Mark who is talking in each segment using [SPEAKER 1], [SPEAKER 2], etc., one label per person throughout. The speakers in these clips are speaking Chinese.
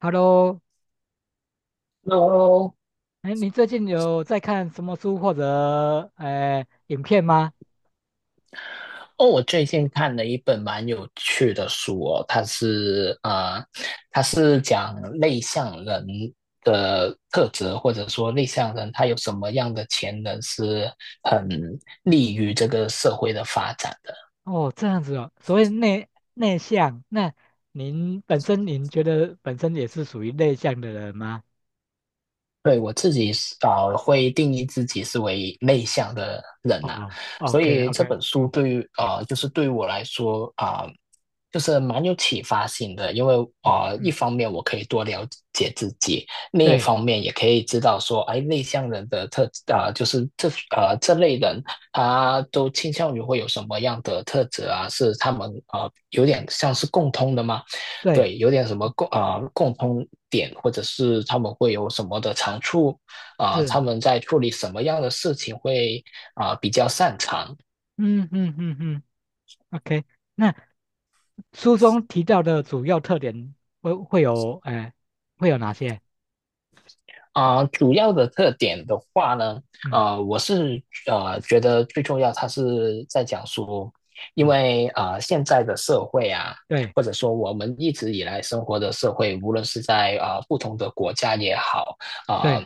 [SPEAKER 1] Hello，
[SPEAKER 2] h
[SPEAKER 1] 哎，你最近有在看什么书或者影片吗？
[SPEAKER 2] 哦，我最近看了一本蛮有趣的书哦，它是讲内向人的特质，或者说内向人他有什么样的潜能是很利于这个社会的发展的。
[SPEAKER 1] 哦，这样子哦，所谓内向，那您本身您觉得本身也是属于内向的人吗？
[SPEAKER 2] 对，我自己是会定义自己是为内向的人呐。
[SPEAKER 1] 哦
[SPEAKER 2] 所
[SPEAKER 1] ，OK
[SPEAKER 2] 以这
[SPEAKER 1] OK，
[SPEAKER 2] 本书
[SPEAKER 1] 嗯
[SPEAKER 2] 对于呃，就是对于我来说就是蛮有启发性的，因为
[SPEAKER 1] 嗯
[SPEAKER 2] 啊，一
[SPEAKER 1] 嗯，
[SPEAKER 2] 方面我可以多了解自己，另一
[SPEAKER 1] 对
[SPEAKER 2] 方面也可以知道说，哎，内向人的特啊、就是这呃这类人，他都倾向于会有什么样的特质啊？是他们啊有点像是共通的吗？
[SPEAKER 1] 对，
[SPEAKER 2] 对，有点什么
[SPEAKER 1] 嗯
[SPEAKER 2] 共通点，或者是他们会有什么的长处，
[SPEAKER 1] 是，
[SPEAKER 2] 他们在处理什么样的事情会比较擅长。
[SPEAKER 1] 嗯嗯嗯嗯，OK，那书中提到的主要特点会会有呃会有哪些？
[SPEAKER 2] 主要的特点的话呢，
[SPEAKER 1] 嗯
[SPEAKER 2] 我是觉得最重要，它是在讲说，因
[SPEAKER 1] 嗯，
[SPEAKER 2] 为啊现在的社会啊，
[SPEAKER 1] 对
[SPEAKER 2] 或者说我们一直以来生活的社会，无论是在啊不同的国家也好，啊、
[SPEAKER 1] 对
[SPEAKER 2] 呃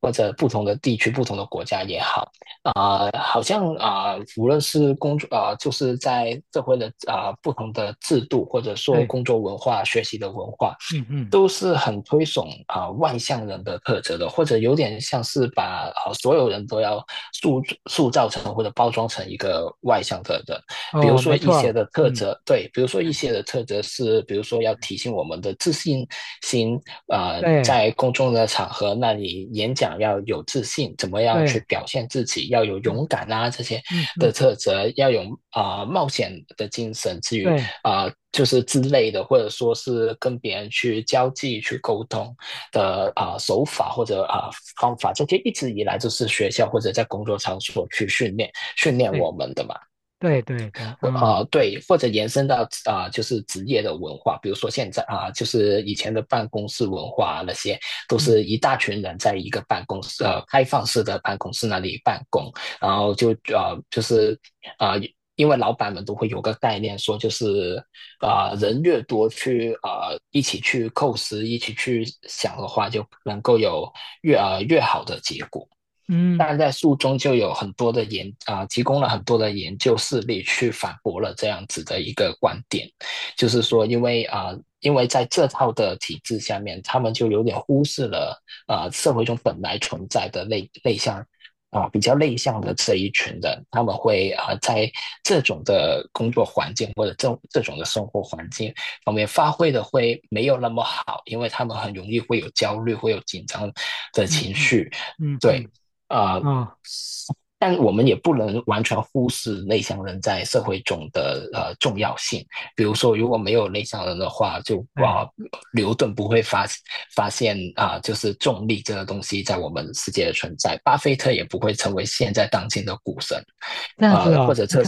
[SPEAKER 2] 或者不同的地区、不同的国家也好，好像无论是工作就是在社会的不同的制度，或者说
[SPEAKER 1] 对，
[SPEAKER 2] 工作文化、学习的文化，
[SPEAKER 1] 嗯嗯，
[SPEAKER 2] 都是很推崇外向人的特质的，或者有点像是把所有人都要塑塑造成或者包装成一个外向的人。比如
[SPEAKER 1] 哦，
[SPEAKER 2] 说
[SPEAKER 1] 没
[SPEAKER 2] 一些
[SPEAKER 1] 错，
[SPEAKER 2] 的特
[SPEAKER 1] 嗯。
[SPEAKER 2] 质，对，比如说一
[SPEAKER 1] 哎
[SPEAKER 2] 些的特质是，比如说要提醒我们的自信心。
[SPEAKER 1] 对。
[SPEAKER 2] 在公众的场合，那你演讲要有自信，怎么样去
[SPEAKER 1] 对，
[SPEAKER 2] 表现自己，要有
[SPEAKER 1] 嗯
[SPEAKER 2] 勇敢啊这些
[SPEAKER 1] 嗯
[SPEAKER 2] 的
[SPEAKER 1] 嗯，
[SPEAKER 2] 特质，要有冒险的精神，至于
[SPEAKER 1] 对
[SPEAKER 2] 就是之类的，或者说是跟别人去交际、去沟通的手法或者方法，这些一直以来就是学校或者在工作场所去训练
[SPEAKER 1] 对
[SPEAKER 2] 我们的嘛。
[SPEAKER 1] 对对对，啊，
[SPEAKER 2] 啊，对，或者延伸到就是职业的文化，比如说现在就是以前的办公室文化啊那些，都是
[SPEAKER 1] 嗯
[SPEAKER 2] 一大群人在一个办公室，开放式的办公室那里办公，然后就是啊、呃因为老板们都会有个概念，说就是人越多去一起去构思，一起去想的话，就能够有越好的结果。
[SPEAKER 1] 嗯
[SPEAKER 2] 但在书中就有很多的提供了很多的研究事例去反驳了这样子的一个观点，就是说，因为因为在这套的体制下面，他们就有点忽视了社会中本来存在的内向、比较内向的这一群人，他们会在这种的工作环境或者这种的生活环境方面发挥的会没有那么好，因为他们很容易会有焦虑，会有紧张的
[SPEAKER 1] 嗯
[SPEAKER 2] 情
[SPEAKER 1] 嗯
[SPEAKER 2] 绪。
[SPEAKER 1] 嗯
[SPEAKER 2] 对，
[SPEAKER 1] 嗯，
[SPEAKER 2] 啊、呃
[SPEAKER 1] 哦，
[SPEAKER 2] 但我们也不能完全忽视内向人在社会中的重要性。比如说，如果没有内向人的话，就
[SPEAKER 1] 对，
[SPEAKER 2] 牛顿不会发现就是重力这个东西在我们世界的存在，巴菲特也不会成为现在当今的股神。
[SPEAKER 1] 这样子
[SPEAKER 2] 或
[SPEAKER 1] 哦，
[SPEAKER 2] 者这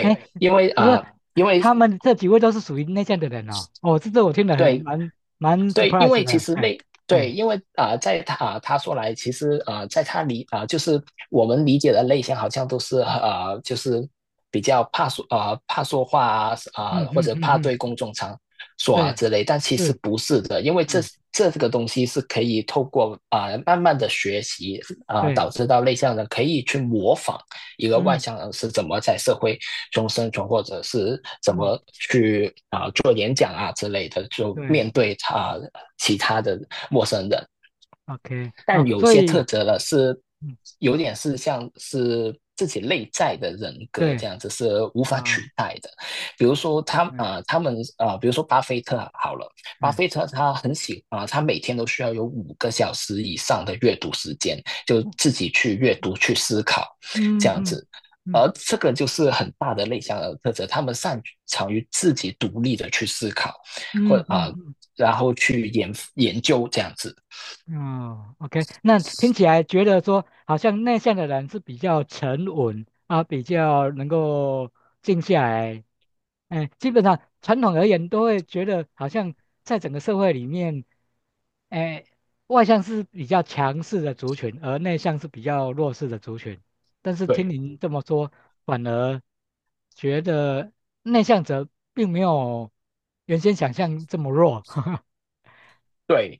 [SPEAKER 1] 哎，就是说
[SPEAKER 2] 因为
[SPEAKER 1] 他们这几位都是属于内向的人哦，哦，这我听得很
[SPEAKER 2] 对
[SPEAKER 1] 蛮
[SPEAKER 2] 对。因
[SPEAKER 1] surprise
[SPEAKER 2] 为其
[SPEAKER 1] 的，
[SPEAKER 2] 实
[SPEAKER 1] 哎
[SPEAKER 2] 类对。
[SPEAKER 1] 哎，
[SPEAKER 2] 因为在他说来，其实在他理啊、呃就是我们理解的类型，好像都是
[SPEAKER 1] 嗯
[SPEAKER 2] 就是比较怕说话
[SPEAKER 1] 嗯
[SPEAKER 2] 或
[SPEAKER 1] 嗯
[SPEAKER 2] 者
[SPEAKER 1] 嗯
[SPEAKER 2] 怕
[SPEAKER 1] 嗯，
[SPEAKER 2] 对公众场所啊
[SPEAKER 1] 对，
[SPEAKER 2] 之类，但其实
[SPEAKER 1] 是，
[SPEAKER 2] 不是的，因为这
[SPEAKER 1] 哎
[SPEAKER 2] 这个东西是可以透过慢慢的学习
[SPEAKER 1] 对，
[SPEAKER 2] 导致到内向人可以去模仿一个外
[SPEAKER 1] 嗯
[SPEAKER 2] 向人是怎么在社会中生存，或者是怎
[SPEAKER 1] 嗯
[SPEAKER 2] 么去做演讲啊之类的，就
[SPEAKER 1] 对
[SPEAKER 2] 面对其他的陌生人。
[SPEAKER 1] ，OK，哦，
[SPEAKER 2] 但有
[SPEAKER 1] 所
[SPEAKER 2] 些特
[SPEAKER 1] 以，
[SPEAKER 2] 质呢，是
[SPEAKER 1] 嗯
[SPEAKER 2] 有点是像是自己内在的人格
[SPEAKER 1] 对，
[SPEAKER 2] 这样子是无法取
[SPEAKER 1] 啊，
[SPEAKER 2] 代的。比如说他
[SPEAKER 1] 嗯
[SPEAKER 2] 啊、呃他们啊、呃比如说巴菲特啊好了，巴
[SPEAKER 1] 嗯
[SPEAKER 2] 菲特他很喜啊、呃他每天都需要有5个小时以上的阅读时间，就
[SPEAKER 1] 嗯
[SPEAKER 2] 自己去阅读、去思考这
[SPEAKER 1] 嗯
[SPEAKER 2] 样
[SPEAKER 1] 嗯
[SPEAKER 2] 子。而这个就是很大的内向的特质，他们擅长于自己独立的去思考，或
[SPEAKER 1] 嗯嗯嗯。
[SPEAKER 2] 然后去研究这样子。
[SPEAKER 1] 哦，OK，那听起来觉得说，好像内向的人是比较沉稳啊，比较能够静下来。哎，基本上传统而言，都会觉得好像在整个社会里面，哎，外向是比较强势的族群，而内向是比较弱势的族群。但是听
[SPEAKER 2] 对，
[SPEAKER 1] 您这么说，反而觉得内向者并没有原先想象这么弱。
[SPEAKER 2] 对，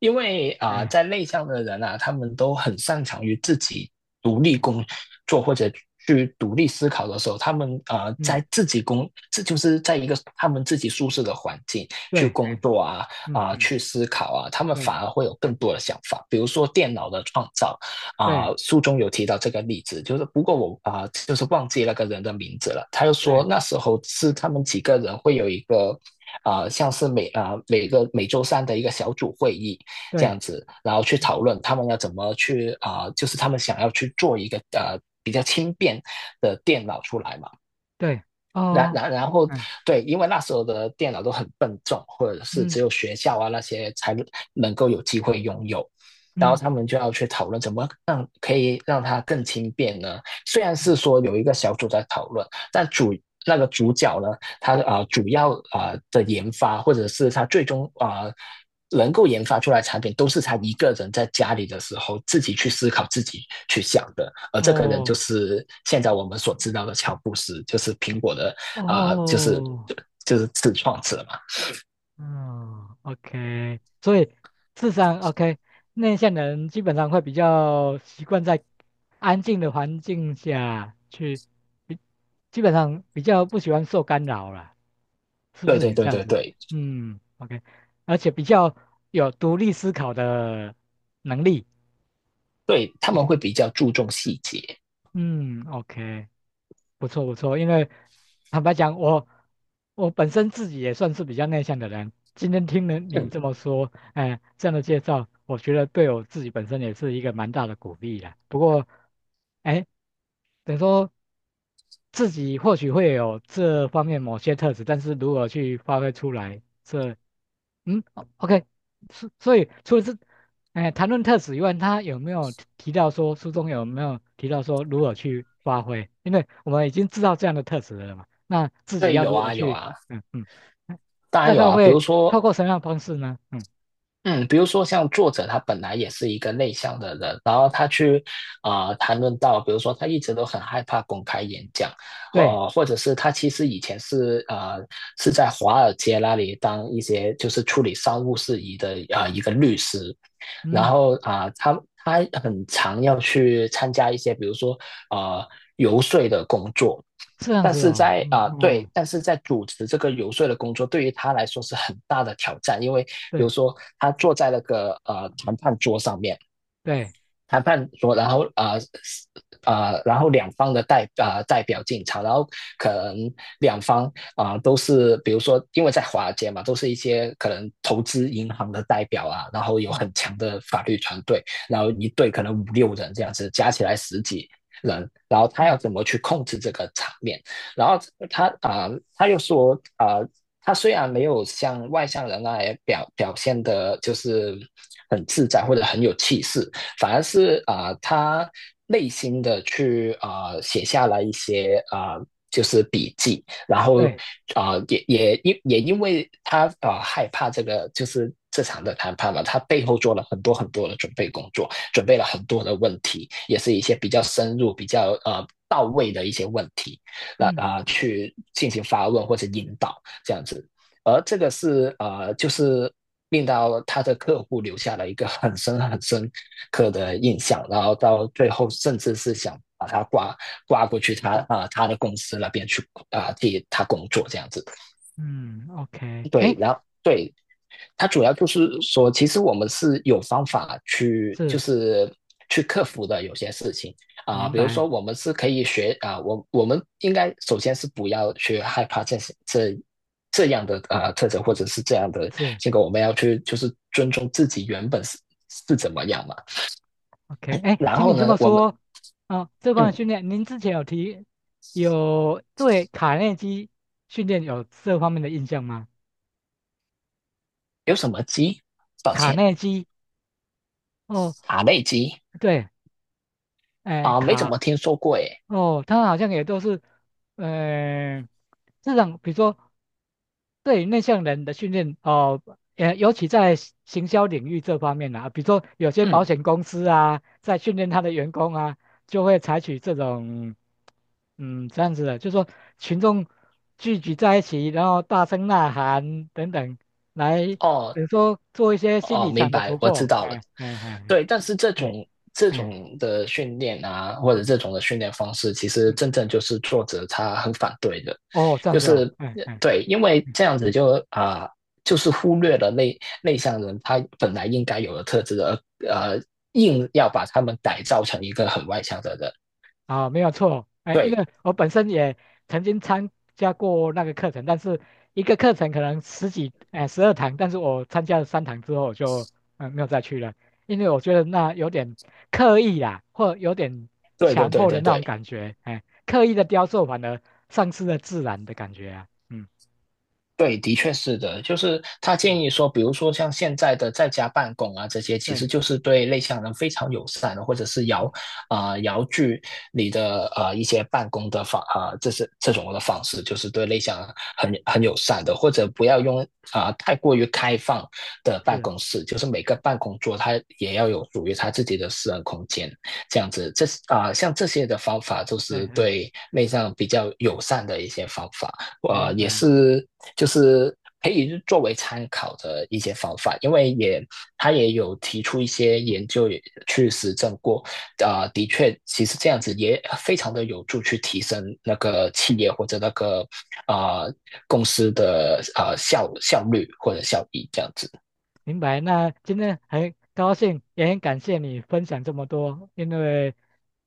[SPEAKER 2] 因为
[SPEAKER 1] 哎，
[SPEAKER 2] 在内向的人啊，他们都很擅长于自己独立
[SPEAKER 1] 嗯，
[SPEAKER 2] 工作或者去独立思考的时候，他们啊、呃
[SPEAKER 1] 嗯
[SPEAKER 2] 在自己工，这就是在一个他们自己舒适的环境去
[SPEAKER 1] 对，
[SPEAKER 2] 工作啊、
[SPEAKER 1] 嗯嗯，
[SPEAKER 2] 去思考啊，他们
[SPEAKER 1] 对。
[SPEAKER 2] 反而会有更多的想法。比如说电脑的创造，
[SPEAKER 1] 对
[SPEAKER 2] 书中有提到这个例子，就是不过我就是忘记那个人的名字了。他又
[SPEAKER 1] 对
[SPEAKER 2] 说那时候是他们几个人会有一个像是每个每周三的一个小组会议这
[SPEAKER 1] 对
[SPEAKER 2] 样子，然后去
[SPEAKER 1] 嗯
[SPEAKER 2] 讨论他们要怎么去就是他们想要去做一个比较轻便的电脑出来嘛。
[SPEAKER 1] 对
[SPEAKER 2] 然
[SPEAKER 1] 哦，
[SPEAKER 2] 然然后，
[SPEAKER 1] 嗯
[SPEAKER 2] 对，因为那时候的电脑都很笨重，或者是
[SPEAKER 1] 嗯
[SPEAKER 2] 只有学校啊那些才能够有机会拥有，然后
[SPEAKER 1] 嗯
[SPEAKER 2] 他们就要去讨论怎么让可以让它更轻便呢？虽然
[SPEAKER 1] 嗯
[SPEAKER 2] 是说有一个小组在讨论，但那个主角呢，他主要的研发或者是他最终能够研发出来的产品，都是他一个人在家里的时候自己去思考、自己去想的。而这个人就
[SPEAKER 1] 哦
[SPEAKER 2] 是现在我们所知道的乔布斯，就是苹果的啊、呃就是
[SPEAKER 1] 哦
[SPEAKER 2] 就就是自创者嘛。
[SPEAKER 1] 嗯，OK，所以智商 o k 内向的人基本上会比较习惯在安静的环境下去，比基本上比较不喜欢受干扰了，是不
[SPEAKER 2] 对
[SPEAKER 1] 是
[SPEAKER 2] 对
[SPEAKER 1] 也这
[SPEAKER 2] 对
[SPEAKER 1] 样
[SPEAKER 2] 对
[SPEAKER 1] 子？
[SPEAKER 2] 对
[SPEAKER 1] 嗯，OK，而且比较有独立思考的能力。
[SPEAKER 2] 对，他们会比较注重细节。
[SPEAKER 1] 嗯，OK，不错不错，因为坦白讲，我本身自己也算是比较内向的人。今天听了你
[SPEAKER 2] 嗯，
[SPEAKER 1] 这么说，哎、这样的介绍，我觉得对我自己本身也是一个蛮大的鼓励啦。不过，哎，等于说自己或许会有这方面某些特质，但是如何去发挥出来，这嗯哦，OK，所所以除了这，哎，谈论特质以外，他有没有提到说书中有没有提到说如何去发挥？因为我们已经知道这样的特质了嘛，那自己
[SPEAKER 2] 对，
[SPEAKER 1] 要
[SPEAKER 2] 有
[SPEAKER 1] 如何
[SPEAKER 2] 啊有
[SPEAKER 1] 去，
[SPEAKER 2] 啊，
[SPEAKER 1] 嗯嗯，嗯
[SPEAKER 2] 当然
[SPEAKER 1] 大
[SPEAKER 2] 有
[SPEAKER 1] 概
[SPEAKER 2] 啊。比如
[SPEAKER 1] 会
[SPEAKER 2] 说，
[SPEAKER 1] 透过什么样的方式呢？嗯，
[SPEAKER 2] 嗯，比如说像作者他本来也是一个内向的人，然后他去谈论到，比如说他一直都很害怕公开演讲，
[SPEAKER 1] 对，
[SPEAKER 2] 或者是他其实以前是是在华尔街那里当一些就是处理商务事宜的一个律师，然
[SPEAKER 1] 嗯，
[SPEAKER 2] 后他很常要去参加一些，比如说呃游说的工作，
[SPEAKER 1] 是这样
[SPEAKER 2] 但
[SPEAKER 1] 子
[SPEAKER 2] 是
[SPEAKER 1] 哦，嗯
[SPEAKER 2] 对，
[SPEAKER 1] 嗯，
[SPEAKER 2] 但是在主持这个游说的工作，对于他来说是很大的挑战，因为比如
[SPEAKER 1] 对
[SPEAKER 2] 说他坐在那个谈判桌上面。
[SPEAKER 1] 对，
[SPEAKER 2] 谈判说，然后然后两方的代表进场，然后可能两方都是，比如说，因为在华尔街嘛，都是一些可能投资银行的代表啊，然后有
[SPEAKER 1] 嗯
[SPEAKER 2] 很强的法律团队，然后一队可能五六人这样子，加起来十几人，然后他
[SPEAKER 1] 嗯
[SPEAKER 2] 要怎么去控制这个场面？然后他又说他虽然没有像外向人那样表现的，就是很自在或者很有气势。反而是他内心的去写下了一些就是笔记，然后
[SPEAKER 1] 对，
[SPEAKER 2] 也因为他害怕这个就是这场的谈判嘛，他背后做了很多很多的准备工作，准备了很多的问题，也是一些比较深入、比较到位的一些问题，那
[SPEAKER 1] 嗯
[SPEAKER 2] 去进行发问或者引导这样子。而这个是就是令到他的客户留下了一个很深很深刻的印象，然后到最后甚至是想把他挂过去他他的公司那边去替他工作这样子。
[SPEAKER 1] 嗯，OK，哎，
[SPEAKER 2] 对，然后对，它主要就是说，其实我们是有方法去，就
[SPEAKER 1] 是
[SPEAKER 2] 是去克服的有些事情。
[SPEAKER 1] 明
[SPEAKER 2] 比如
[SPEAKER 1] 白，
[SPEAKER 2] 说我们是可以学啊、呃我我们应该首先是不要去害怕这些这样的啊特征或
[SPEAKER 1] 嗯
[SPEAKER 2] 者是这样的
[SPEAKER 1] 是。
[SPEAKER 2] 结果，我们要去就是尊重自己原本是是怎么样嘛。
[SPEAKER 1] OK，哎，
[SPEAKER 2] 然
[SPEAKER 1] 听你
[SPEAKER 2] 后
[SPEAKER 1] 这么
[SPEAKER 2] 呢，我们
[SPEAKER 1] 说，啊、这方面训
[SPEAKER 2] 嗯
[SPEAKER 1] 练，您之前有提，有对卡内基训练有这方面的印象吗？
[SPEAKER 2] 有什么鸡？抱
[SPEAKER 1] 卡
[SPEAKER 2] 歉，
[SPEAKER 1] 内基，哦，
[SPEAKER 2] 茶内鸡
[SPEAKER 1] 对，哎，
[SPEAKER 2] 没怎
[SPEAKER 1] 卡
[SPEAKER 2] 么听说过诶。
[SPEAKER 1] 哦，他好像也都是，呃，这种比如说对于内向人的训练哦，也尤其在行销领域这方面啊，比如说有些保
[SPEAKER 2] 嗯，
[SPEAKER 1] 险公司啊，在训练他的员工啊，就会采取这种，嗯，这样子的，就说群众聚集在一起，然后大声呐喊等等，来，
[SPEAKER 2] 哦，
[SPEAKER 1] 比如说做一些心
[SPEAKER 2] 哦，
[SPEAKER 1] 理
[SPEAKER 2] 明
[SPEAKER 1] 上的突
[SPEAKER 2] 白，我知
[SPEAKER 1] 破，
[SPEAKER 2] 道了。
[SPEAKER 1] 哎哎哎
[SPEAKER 2] 对，但是这
[SPEAKER 1] 哎
[SPEAKER 2] 种这
[SPEAKER 1] 哎，
[SPEAKER 2] 种的训练啊，或者这
[SPEAKER 1] 嗯
[SPEAKER 2] 种的训练方式，其实
[SPEAKER 1] 嗯
[SPEAKER 2] 真正
[SPEAKER 1] 嗯，
[SPEAKER 2] 就是作者他很反对的，
[SPEAKER 1] 哦，这样
[SPEAKER 2] 就
[SPEAKER 1] 子
[SPEAKER 2] 是
[SPEAKER 1] 哦，哎哎。
[SPEAKER 2] 对，因为
[SPEAKER 1] 嗯
[SPEAKER 2] 这样子
[SPEAKER 1] 嗯，
[SPEAKER 2] 就就是忽略了内向人他本来应该有的特质的，而硬要把他们改造成一个很外向的人。
[SPEAKER 1] 啊，没有错，哎，因
[SPEAKER 2] 对，
[SPEAKER 1] 为我本身也曾经参加过那个课程，但是一个课程可能十几，哎，12堂，但是我参加了3堂之后，我就嗯没有再去了，因为我觉得那有点刻意啦，或有点
[SPEAKER 2] 对，对，
[SPEAKER 1] 强
[SPEAKER 2] 对，
[SPEAKER 1] 迫的
[SPEAKER 2] 对，
[SPEAKER 1] 那
[SPEAKER 2] 对。
[SPEAKER 1] 种感觉，哎，刻意的雕塑反而丧失了自然的感觉啊，嗯
[SPEAKER 2] 对，的确是的，就是他建
[SPEAKER 1] 嗯，
[SPEAKER 2] 议说，比如说像现在的在家办公啊，这些其
[SPEAKER 1] 对，
[SPEAKER 2] 实就是对内向人非常友善的，或者是遥
[SPEAKER 1] 嗯
[SPEAKER 2] 啊、呃遥距你的啊一些办公的这是这种的方式，就是对内向人很友善的，或者不要用太过于开放的办
[SPEAKER 1] 是，
[SPEAKER 2] 公室，就是每个办公桌它也要有属于它自己的私人空间，这样子，这是像这些的方法就
[SPEAKER 1] 对
[SPEAKER 2] 是
[SPEAKER 1] 对，
[SPEAKER 2] 对内向比较友善的一些方法。
[SPEAKER 1] 明
[SPEAKER 2] 啊也
[SPEAKER 1] 白
[SPEAKER 2] 是就是可以作为参考的一些方法，因为也他也有提出一些研究去实证过，啊、的确，其实这样子也非常的有助去提升那个企业或者那个啊、公司的啊效率或者效益这样子。
[SPEAKER 1] 明白。那今天很高兴，也很感谢你分享这么多，因为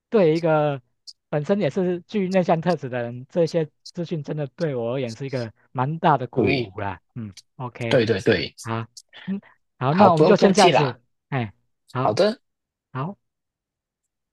[SPEAKER 1] 对一个本身也是具内向特质的人，这些资讯真的对我而言是一个蛮大的鼓
[SPEAKER 2] 对，
[SPEAKER 1] 舞啦。嗯，OK，
[SPEAKER 2] 对对对，
[SPEAKER 1] 好，嗯，好，
[SPEAKER 2] 好，
[SPEAKER 1] 那我
[SPEAKER 2] 不
[SPEAKER 1] 们
[SPEAKER 2] 用
[SPEAKER 1] 就先
[SPEAKER 2] 客
[SPEAKER 1] 这样
[SPEAKER 2] 气啦，
[SPEAKER 1] 子，哎，
[SPEAKER 2] 好
[SPEAKER 1] 好，
[SPEAKER 2] 的。
[SPEAKER 1] 好。